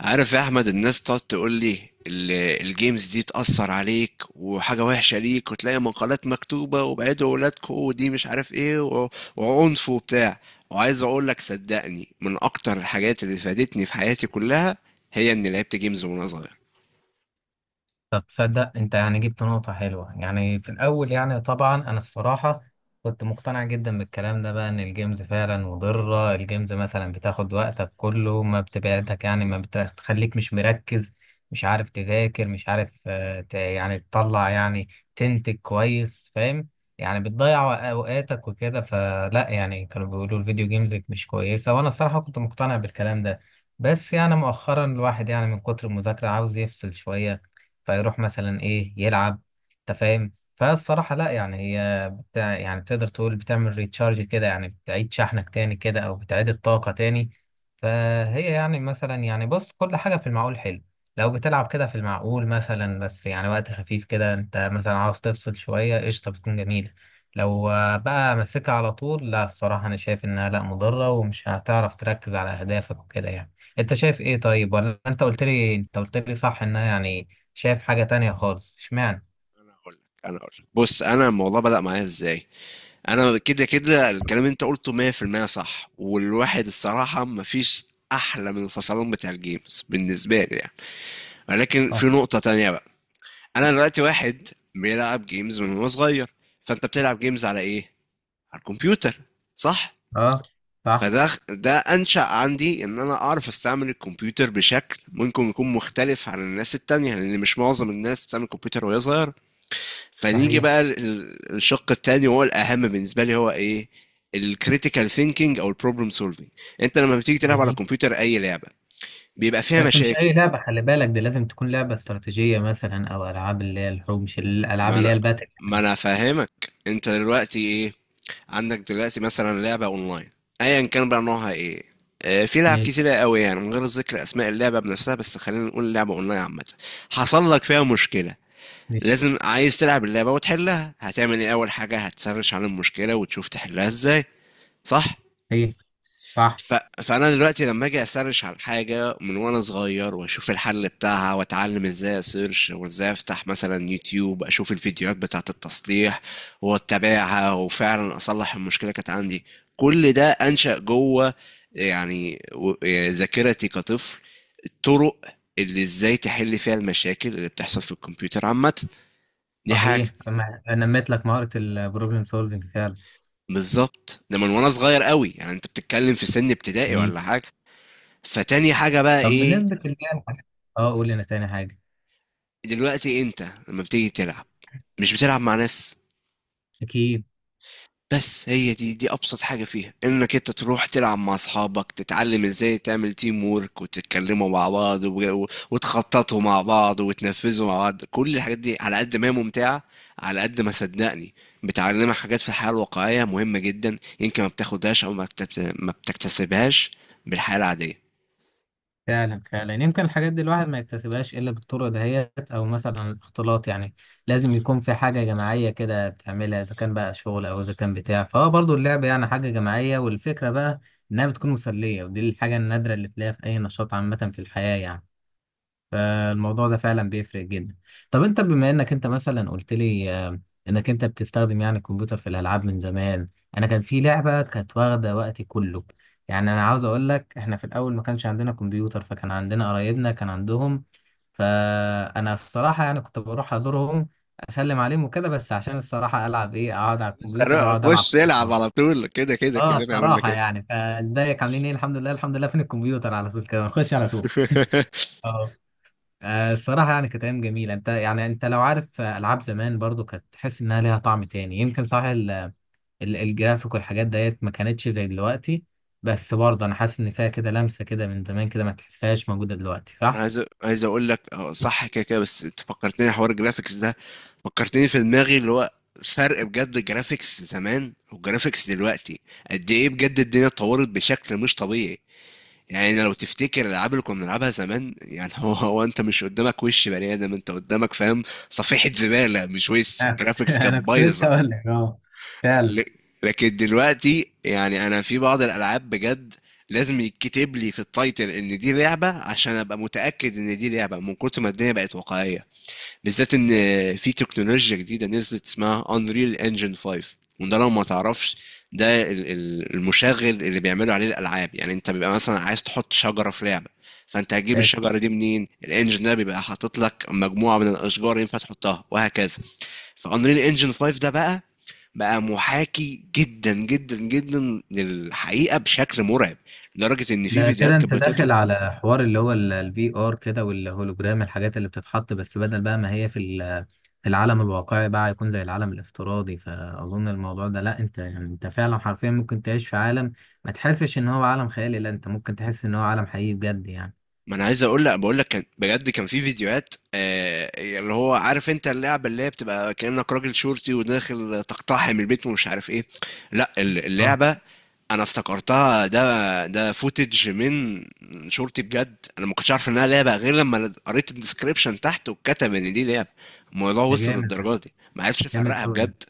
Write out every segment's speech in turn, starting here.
عارف يا احمد، الناس تقعد تقول لي ال- الجيمز دي تأثر عليك وحاجة وحشة ليك، وتلاقي مقالات مكتوبة وبعدوا ولادكم ودي مش عارف ايه وعنف وبتاع. وعايز اقول لك صدقني، من اكتر الحاجات اللي فادتني في حياتي كلها هي اني لعبت جيمز وانا صغير. طب تصدق انت، يعني جبت نقطة حلوة يعني في الأول، يعني طبعا أنا الصراحة كنت مقتنع جدا بالكلام ده بقى، إن الجيمز فعلا مضرة. الجيمز مثلا بتاخد وقتك كله، ما بتبعدك يعني، ما بتخليك مش مركز، مش عارف تذاكر، مش عارف يعني تطلع، يعني تنتج كويس، فاهم؟ يعني بتضيع أوقاتك وكده، فلا يعني كانوا بيقولوا الفيديو جيمز مش كويسة، وأنا الصراحة كنت مقتنع بالكلام ده. بس يعني مؤخرا الواحد يعني من كتر المذاكرة عاوز يفصل شوية، فيروح مثلا ايه يلعب، انت فاهم؟ فالصراحة لا، يعني هي بتاع، يعني تقدر تقول بتعمل ريتشارج كده، يعني بتعيد شحنك تاني كده، او بتعيد الطاقة تاني. فهي يعني مثلا، يعني بص، كل حاجة في المعقول حلو. لو بتلعب كده في المعقول مثلا، بس يعني وقت خفيف كده، انت مثلا عاوز تفصل شوية، قشطة بتكون جميلة. لو بقى ماسكها على طول، لا الصراحة أنا شايف إنها لا، مضرة ومش هتعرف تركز على أهدافك وكده يعني. أنت شايف إيه؟ طيب، ولا أنت قلت لي، أنت قلت لي صح إنها يعني شايف حاجة تانية خالص، اشمعنى؟ انا هقول لك انا هقول لك. بص، انا الموضوع بدأ معايا ازاي. انا كده كده الكلام اللي انت قلته 100% صح، والواحد الصراحة مفيش احلى من الفصلان بتاع الجيمز بالنسبة لي يعني. ولكن في اه، نقطة تانية. انا دلوقتي واحد بيلعب جيمز من وهو صغير. فانت بتلعب جيمز على ايه؟ على الكمبيوتر، صح. اه، صح، فده انشأ عندي ان انا اعرف استعمل الكمبيوتر بشكل ممكن يكون مختلف عن الناس التانية، لان مش معظم الناس بتستعمل الكمبيوتر وهي صغيرة. فنيجي صحيح، بقى الشق التاني وهو الاهم بالنسبة لي هو ايه؟ الكريتيكال ثينكينج او البروبلم سولفينج. انت لما بتيجي تلعب على جميل. الكمبيوتر اي لعبة بيبقى فيها بس مش مشاكل. اي لعبه، خلي بالك، دي لازم تكون لعبه استراتيجيه مثلا، او العاب اللي هي الحروب، مش الالعاب ما اللي هي انا الباتل ما يعني. انا فاهمك انت دلوقتي ايه. عندك دلوقتي مثلا لعبة اونلاين، ايا كان بقى نوعها ايه. في لعب ماشي، كتيرة قوي يعني، من غير ذكر اسماء اللعبة بنفسها، بس خلينا نقول لعبة اونلاين عامة. حصل لك فيها مشكلة، ماشي، لازم عايز تلعب اللعبة وتحلها، هتعمل ايه؟ اول حاجة هتسرش عن المشكلة وتشوف تحلها ازاي، صح؟ صحيح، صح، ف... فانا دلوقتي لما اجي اسرش على حاجه من وانا صغير واشوف الحل بتاعها واتعلم ازاي اسيرش وازاي افتح مثلا يوتيوب اشوف الفيديوهات بتاعه التصليح واتابعها وفعلا اصلح المشكله كانت عندي. كل ده انشا جوه يعني يعني ذاكرتي كطفل، الطرق اللي ازاي تحل فيها المشاكل اللي بتحصل في الكمبيوتر عامه. دي حاجه. صحيح. انا نميت لك مهاره البروبلم سولفنج فعلا، بالظبط، ده من وانا صغير قوي يعني، انت بتتكلم في سن ابتدائي جميل. ولا حاجه. فتاني حاجة بقى طب ايه؟ بالنسبه للي هي اه، قول لنا تاني حاجه. دلوقتي انت لما بتيجي تلعب مش بتلعب مع ناس؟ اكيد، بس هي دي ابسط حاجة فيها، انك انت تروح تلعب مع اصحابك، تتعلم ازاي تعمل تيم وورك وتتكلموا مع بعض وتخططوا مع بعض وتنفذوا مع بعض. كل الحاجات دي على قد ما هي ممتعة، على قد ما صدقني بتعلمك حاجات في الحياة الواقعية مهمة جدا، يمكن ما بتاخدهاش او ما بتكتسبهاش بالحياة العادية. فعلا، فعلا. يمكن الحاجات دي الواحد ما يكتسبهاش إلا بالطرق دهيت، أو مثلا الاختلاط يعني. لازم يكون في حاجة جماعية كده بتعملها، إذا كان بقى شغل أو إذا كان بتاع، فهو برضو اللعب يعني حاجة جماعية، والفكرة بقى إنها بتكون مسلية، ودي الحاجة النادرة اللي تلاقيها في أي نشاط عامة في الحياة يعني. فالموضوع ده فعلا بيفرق جدا. طب انت بما انك انت مثلا قلت لي انك انت بتستخدم يعني الكمبيوتر في الالعاب من زمان. انا كان في لعبه كانت واخده وقتي كله، يعني انا عاوز اقول لك، احنا في الاول ما كانش عندنا كمبيوتر، فكان عندنا قرايبنا كان عندهم. فانا الصراحه يعني كنت بروح ازورهم اسلم عليهم وكده، بس عشان الصراحه العب، ايه، اقعد على الكمبيوتر لا، واقعد العب. خش العب على طول، كده كده اه كلنا عملنا الصراحه، كده. يعني فازيك عاملين ايه، الحمد لله، الحمد لله، فين الكمبيوتر، على طول كده نخش على طول. الصراحة يعني كانت أيام جميلة، أنت يعني أنت لو عارف ألعاب زمان، برضو كانت تحس إنها ليها طعم تاني، يمكن صح الجرافيك والحاجات ديت ما كانتش زي دلوقتي. بس برضه أنا حاسس إن فيها كده لمسة كده من زمان كده، ما تحسهاش موجودة دلوقتي، انا صح؟ عايز اقول لك اه صح كده كده، بس انت فكرتني حوار الجرافيكس ده، فكرتني في دماغي اللي هو فرق بجد الجرافيكس زمان والجرافيكس دلوقتي. قد ايه بجد الدنيا اتطورت بشكل مش طبيعي! يعني لو تفتكر الالعاب اللي كنا بنلعبها زمان يعني، هو هو انت مش قدامك وش بني ادم، انت قدامك فاهم صفيحة زبالة، مش وش. انا كنت الجرافيكس كانت أنا كنت لسه بايظة. اقول لك اه، فعلا. ل- لكن دلوقتي يعني انا في بعض الالعاب بجد لازم يتكتب لي في التايتل ان دي لعبه عشان ابقى متاكد ان دي لعبه، من كتر ما الدنيا بقت واقعيه. بالذات ان في تكنولوجيا جديده نزلت اسمها Unreal Engine 5، وده لو ما تعرفش، ده المشغل اللي بيعملوا عليه الالعاب. يعني انت بيبقى مثلا عايز تحط شجره في لعبه، فانت هتجيب الشجره دي منين؟ الانجن ده بيبقى حاطط لك مجموعه من الاشجار ينفع تحطها، وهكذا. فانريل انجن 5 ده بقى، بقى محاكي جدا جدا جدا للحقيقة بشكل مرعب، لدرجة ان في ده فيديوهات كده كانت انت داخل بتطلع. على حوار اللي هو الفي ار كده والهولوجرام، الحاجات اللي بتتحط، بس بدل بقى ما هي في في العالم الواقعي، بقى يكون زي العالم الافتراضي، فاظن الموضوع ده لا، انت يعني انت فعلا حرفيا ممكن تعيش في عالم ما تحسش ان هو عالم خيالي، لا انت ممكن تحس ان هو عالم حقيقي بجد يعني. ما انا عايز اقول لك، بقول لك كان بجد كان في فيديوهات، اللي هو عارف انت اللعبه اللي هي بتبقى كانك راجل شرطي وداخل تقتحم البيت ومش عارف ايه، لا اه، اللعبه انا افتكرتها، ده فوتج من شرطي بجد، انا ما كنتش عارف انها لعبه غير لما قريت الديسكريبشن تحت وكتب ان دي لعبه. الموضوع ده وصل جامد، للدرجه دي، ما عرفش جامد افرقها قوي، بجد.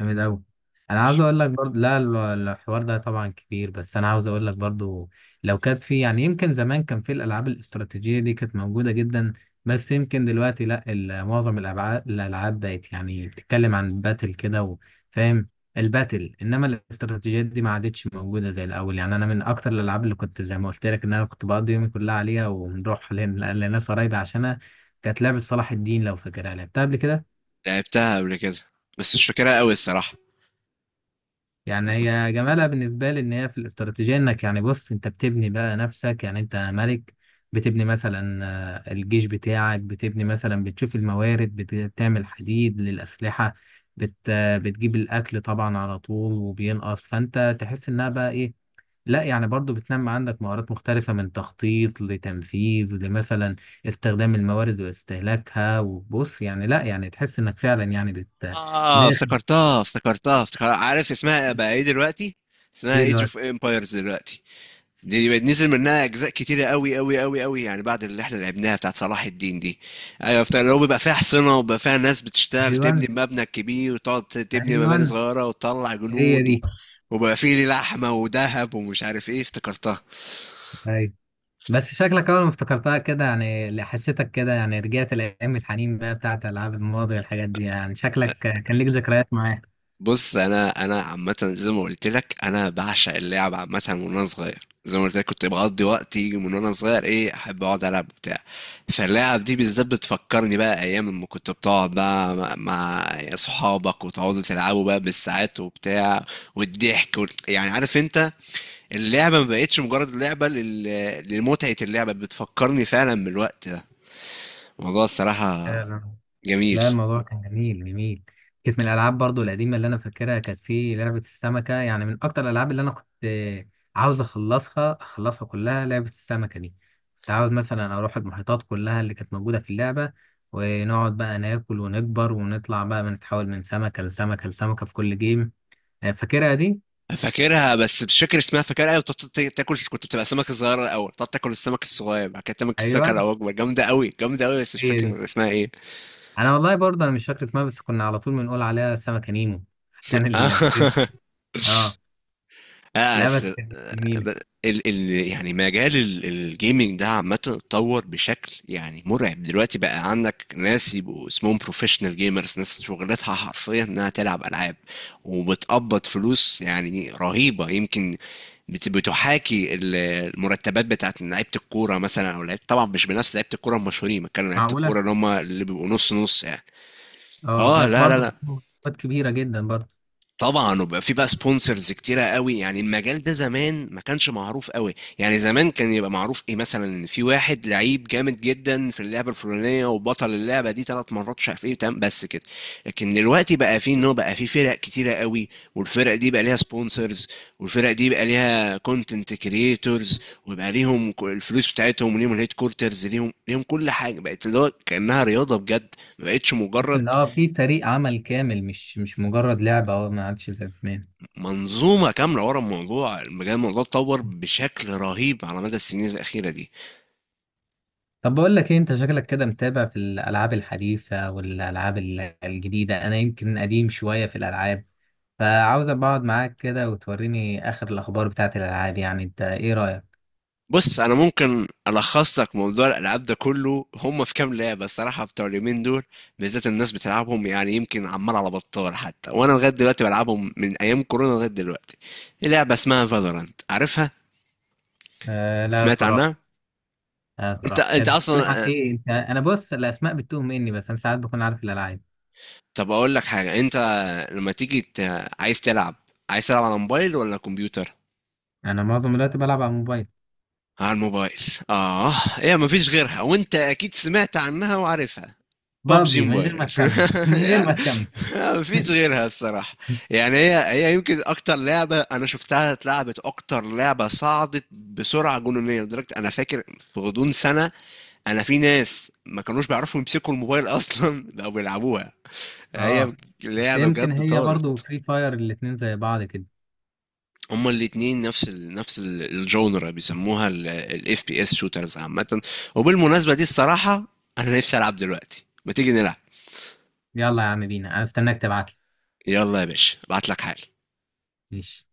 جامد أوي. أنا عاوز أقول لك برضه لا، الحوار ده طبعا كبير، بس أنا عاوز أقول لك برضه، لو كانت في يعني، يمكن زمان كان في الألعاب الاستراتيجية دي كانت موجودة جدا. بس يمكن دلوقتي لا، معظم الألعاب، الألعاب بقت يعني بتتكلم عن باتل كده فاهم، الباتل، إنما الاستراتيجيات دي ما عادتش موجودة زي الأول يعني. أنا من أكتر الألعاب اللي كنت، زي ما قلت لك إن أنا كنت بقضي يومي كلها عليها، ونروح لناس قرايبي عشانها، كانت لعبة صلاح الدين، لو فاكرها لعبتها قبل كده. لعبتها قبل كده بس مش فاكرها قوي الصراحة. يعني هي جمالها بالنسبة لي، إن هي في الاستراتيجية، إنك يعني بص، أنت بتبني بقى نفسك، يعني أنت ملك. بتبني مثلا الجيش بتاعك، بتبني مثلا بتشوف الموارد، بتعمل حديد للأسلحة، بت آه، بتجيب الأكل طبعا على طول وبينقص، فأنت تحس إنها بقى إيه، لا يعني برضو بتنمي عندك مهارات مختلفة، من تخطيط لتنفيذ لمثلا استخدام الموارد واستهلاكها، وبص يعني لا، يعني تحس إنك فعلا يعني بت اه، داخل. افتكرتها. عارف اسمها بقى ايه دلوقتي؟ اسمها إيه ايج الوقت، اوف امبايرز دلوقتي. دي بقت نزل منها اجزاء كتيرة قوي قوي قوي قوي يعني، بعد اللي احنا لعبناها بتاعت صلاح الدين دي. ايوه افتكر، اللي هو بيبقى فيها حصنة وبيبقى فيها ناس بتشتغل تبني أيوه، مبنى كبير، وتقعد تبني مباني أيوه، صغيرة وتطلع هي جنود دي، وبيبقى فيه لحمة وذهب ومش عارف ايه. افتكرتها. ايوه. بس شكلك اول ما افتكرتها كده، يعني اللي حسيتك كده، يعني رجعت لايام الحنين بقى بتاعت العاب الماضي والحاجات دي يعني، شكلك كان ليك ذكريات معاه. بص، انا عامه زي ما قلت لك، انا بعشق اللعب عامه من وانا صغير. زي ما قلت لك، كنت بقضي وقتي من وانا صغير ايه، احب اقعد العب بتاع. فاللعب دي بالذات بتفكرني بقى ايام اما كنت بتقعد بقى مع صحابك، وتقعدوا تلعبوا بقى بالساعات وبتاع، والضحك يعني عارف انت، اللعبه ما بقتش مجرد لعبه لمتعه، اللعبه بتفكرني فعلا بالوقت ده، الموضوع الصراحه فعلا. جميل. لا الموضوع كان جميل، جميل. كانت من الالعاب برضو القديمه اللي انا فاكرها، كانت في لعبه السمكه، يعني من اكتر الالعاب اللي انا كنت عاوز اخلصها، اخلصها كلها لعبه السمكه دي. كنت عاوز مثلا اروح المحيطات كلها اللي كانت موجوده في اللعبه، ونقعد بقى ناكل ونكبر ونطلع بقى بنتحول من سمكه لسمكه لسمكه في كل جيم. فاكرها دي، فاكرها بس مش فاكر اسمها، فاكرها، ايوه، بتقعد تاكل، كنت بتبقى سمكه صغيره الاول تقعد تاكل السمك الصغير، بعد كده تاكل السمكه ايوه، الاكبر، جامده قوي جامده قوي، بس مش هي دي. فاكر اسمها ايه. انا والله برضه انا مش فاكر اسمها، بس كنا على طول بنقول عليها سمكة نيمو عشان ال، اه، اه لا بس كانت آه، جميلة. ب- ال ال يعني مجال الجيمنج ده عامة اتطور بشكل يعني مرعب. دلوقتي بقى عندك ناس يبقوا اسمهم بروفيشنال جيمرز، ناس شغلتها حرفيا انها تلعب العاب وبتقبض فلوس يعني رهيبة، يمكن بتحاكي المرتبات بتاعت لعيبة الكورة مثلا، او لعيبة، طبعا مش بنفس لعيبة الكورة المشهورين، بتكلم عن لعيبة معقولة، الكورة اللي هم اللي بيبقوا نص نص يعني. اه اه، بس لا لا برضه لا مسابقات كبيرة جدا برضه. طبعا. وبقى في بقى سبونسرز كتيره قوي. يعني المجال ده زمان ما كانش معروف قوي، يعني زمان كان يبقى معروف ايه، مثلا إن في واحد لعيب جامد جدا في اللعبه الفلانيه وبطل اللعبه دي 3 مرات مش عارف ايه، تمام، بس كده. لكن دلوقتي بقى في، ان هو بقى في فرق كتيره قوي، والفرق دي بقى ليها سبونسرز، والفرق دي بقى ليها كونتنت كريتورز، ويبقى ليهم الفلوس بتاعتهم، وليهم الهيد كورترز، ليهم كل حاجه بقت اللي هو كانها رياضه بجد، ما بقتش مجرد. ان اه، في فريق عمل كامل، مش مجرد لعبة، اه ما عادش زي زمان. منظومة كاملة ورا الموضوع بجد، الموضوع اتطور بشكل رهيب على مدى السنين الأخيرة دي. طب بقول لك ايه، انت شكلك كده متابع في الالعاب الحديثة والالعاب الجديدة، انا يمكن قديم شوية في الالعاب، فعاوز أبقى اقعد معاك كده وتوريني اخر الاخبار بتاعت الالعاب يعني، انت ايه رأيك؟ بص، أنا ممكن ألخص لك موضوع الألعاب ده كله، هم في كام لعبة الصراحة بتوع اليومين دول بالذات الناس بتلعبهم، يعني يمكن عمال على بطال، حتى وأنا لغاية دلوقتي بلعبهم من أيام كورونا لغاية دلوقتي. دي لعبة اسمها فالورانت، عارفها؟ آه لا سمعت عنها؟ صراحة. لا أنت صراحة، أنت كانت بتتكلم عن أصلا، ايه، انت انا بص الاسماء بتتوه مني، بس انا ساعات بكون عارف الالعاب. طب أقول لك حاجة، أنت لما تيجي عايز تلعب، عايز تلعب على موبايل ولا كمبيوتر؟ انا معظم الوقت بلعب على الموبايل. على الموبايل، اه. هي ما فيش غيرها، وانت اكيد سمعت عنها وعارفها. ببجي بابجي، من غير ما موبايل. تكمل من غير ما يعني تكمل. ما فيش غيرها الصراحة. يعني هي يمكن اكتر لعبة انا شفتها اتلعبت، اكتر لعبة صعدت بسرعة جنونية، لدرجة انا فاكر في غضون سنة انا، في ناس ما كانوش بيعرفوا يمسكوا الموبايل اصلا بقوا بيلعبوها. هي اه، بس لعبة يمكن بجد هي برضو طارت. فري فاير، الاتنين زي بعض كده. هما الاتنين نفس الجونرا، بيسموها الاف بي اس شوترز عامة. وبالمناسبة دي الصراحة انا نفسي العب دلوقتي، ما تيجي نلعب؟ يلا يا عم بينا، انا استناك تبعتلي، يلا يا باشا، ابعت لك حال. ماشي.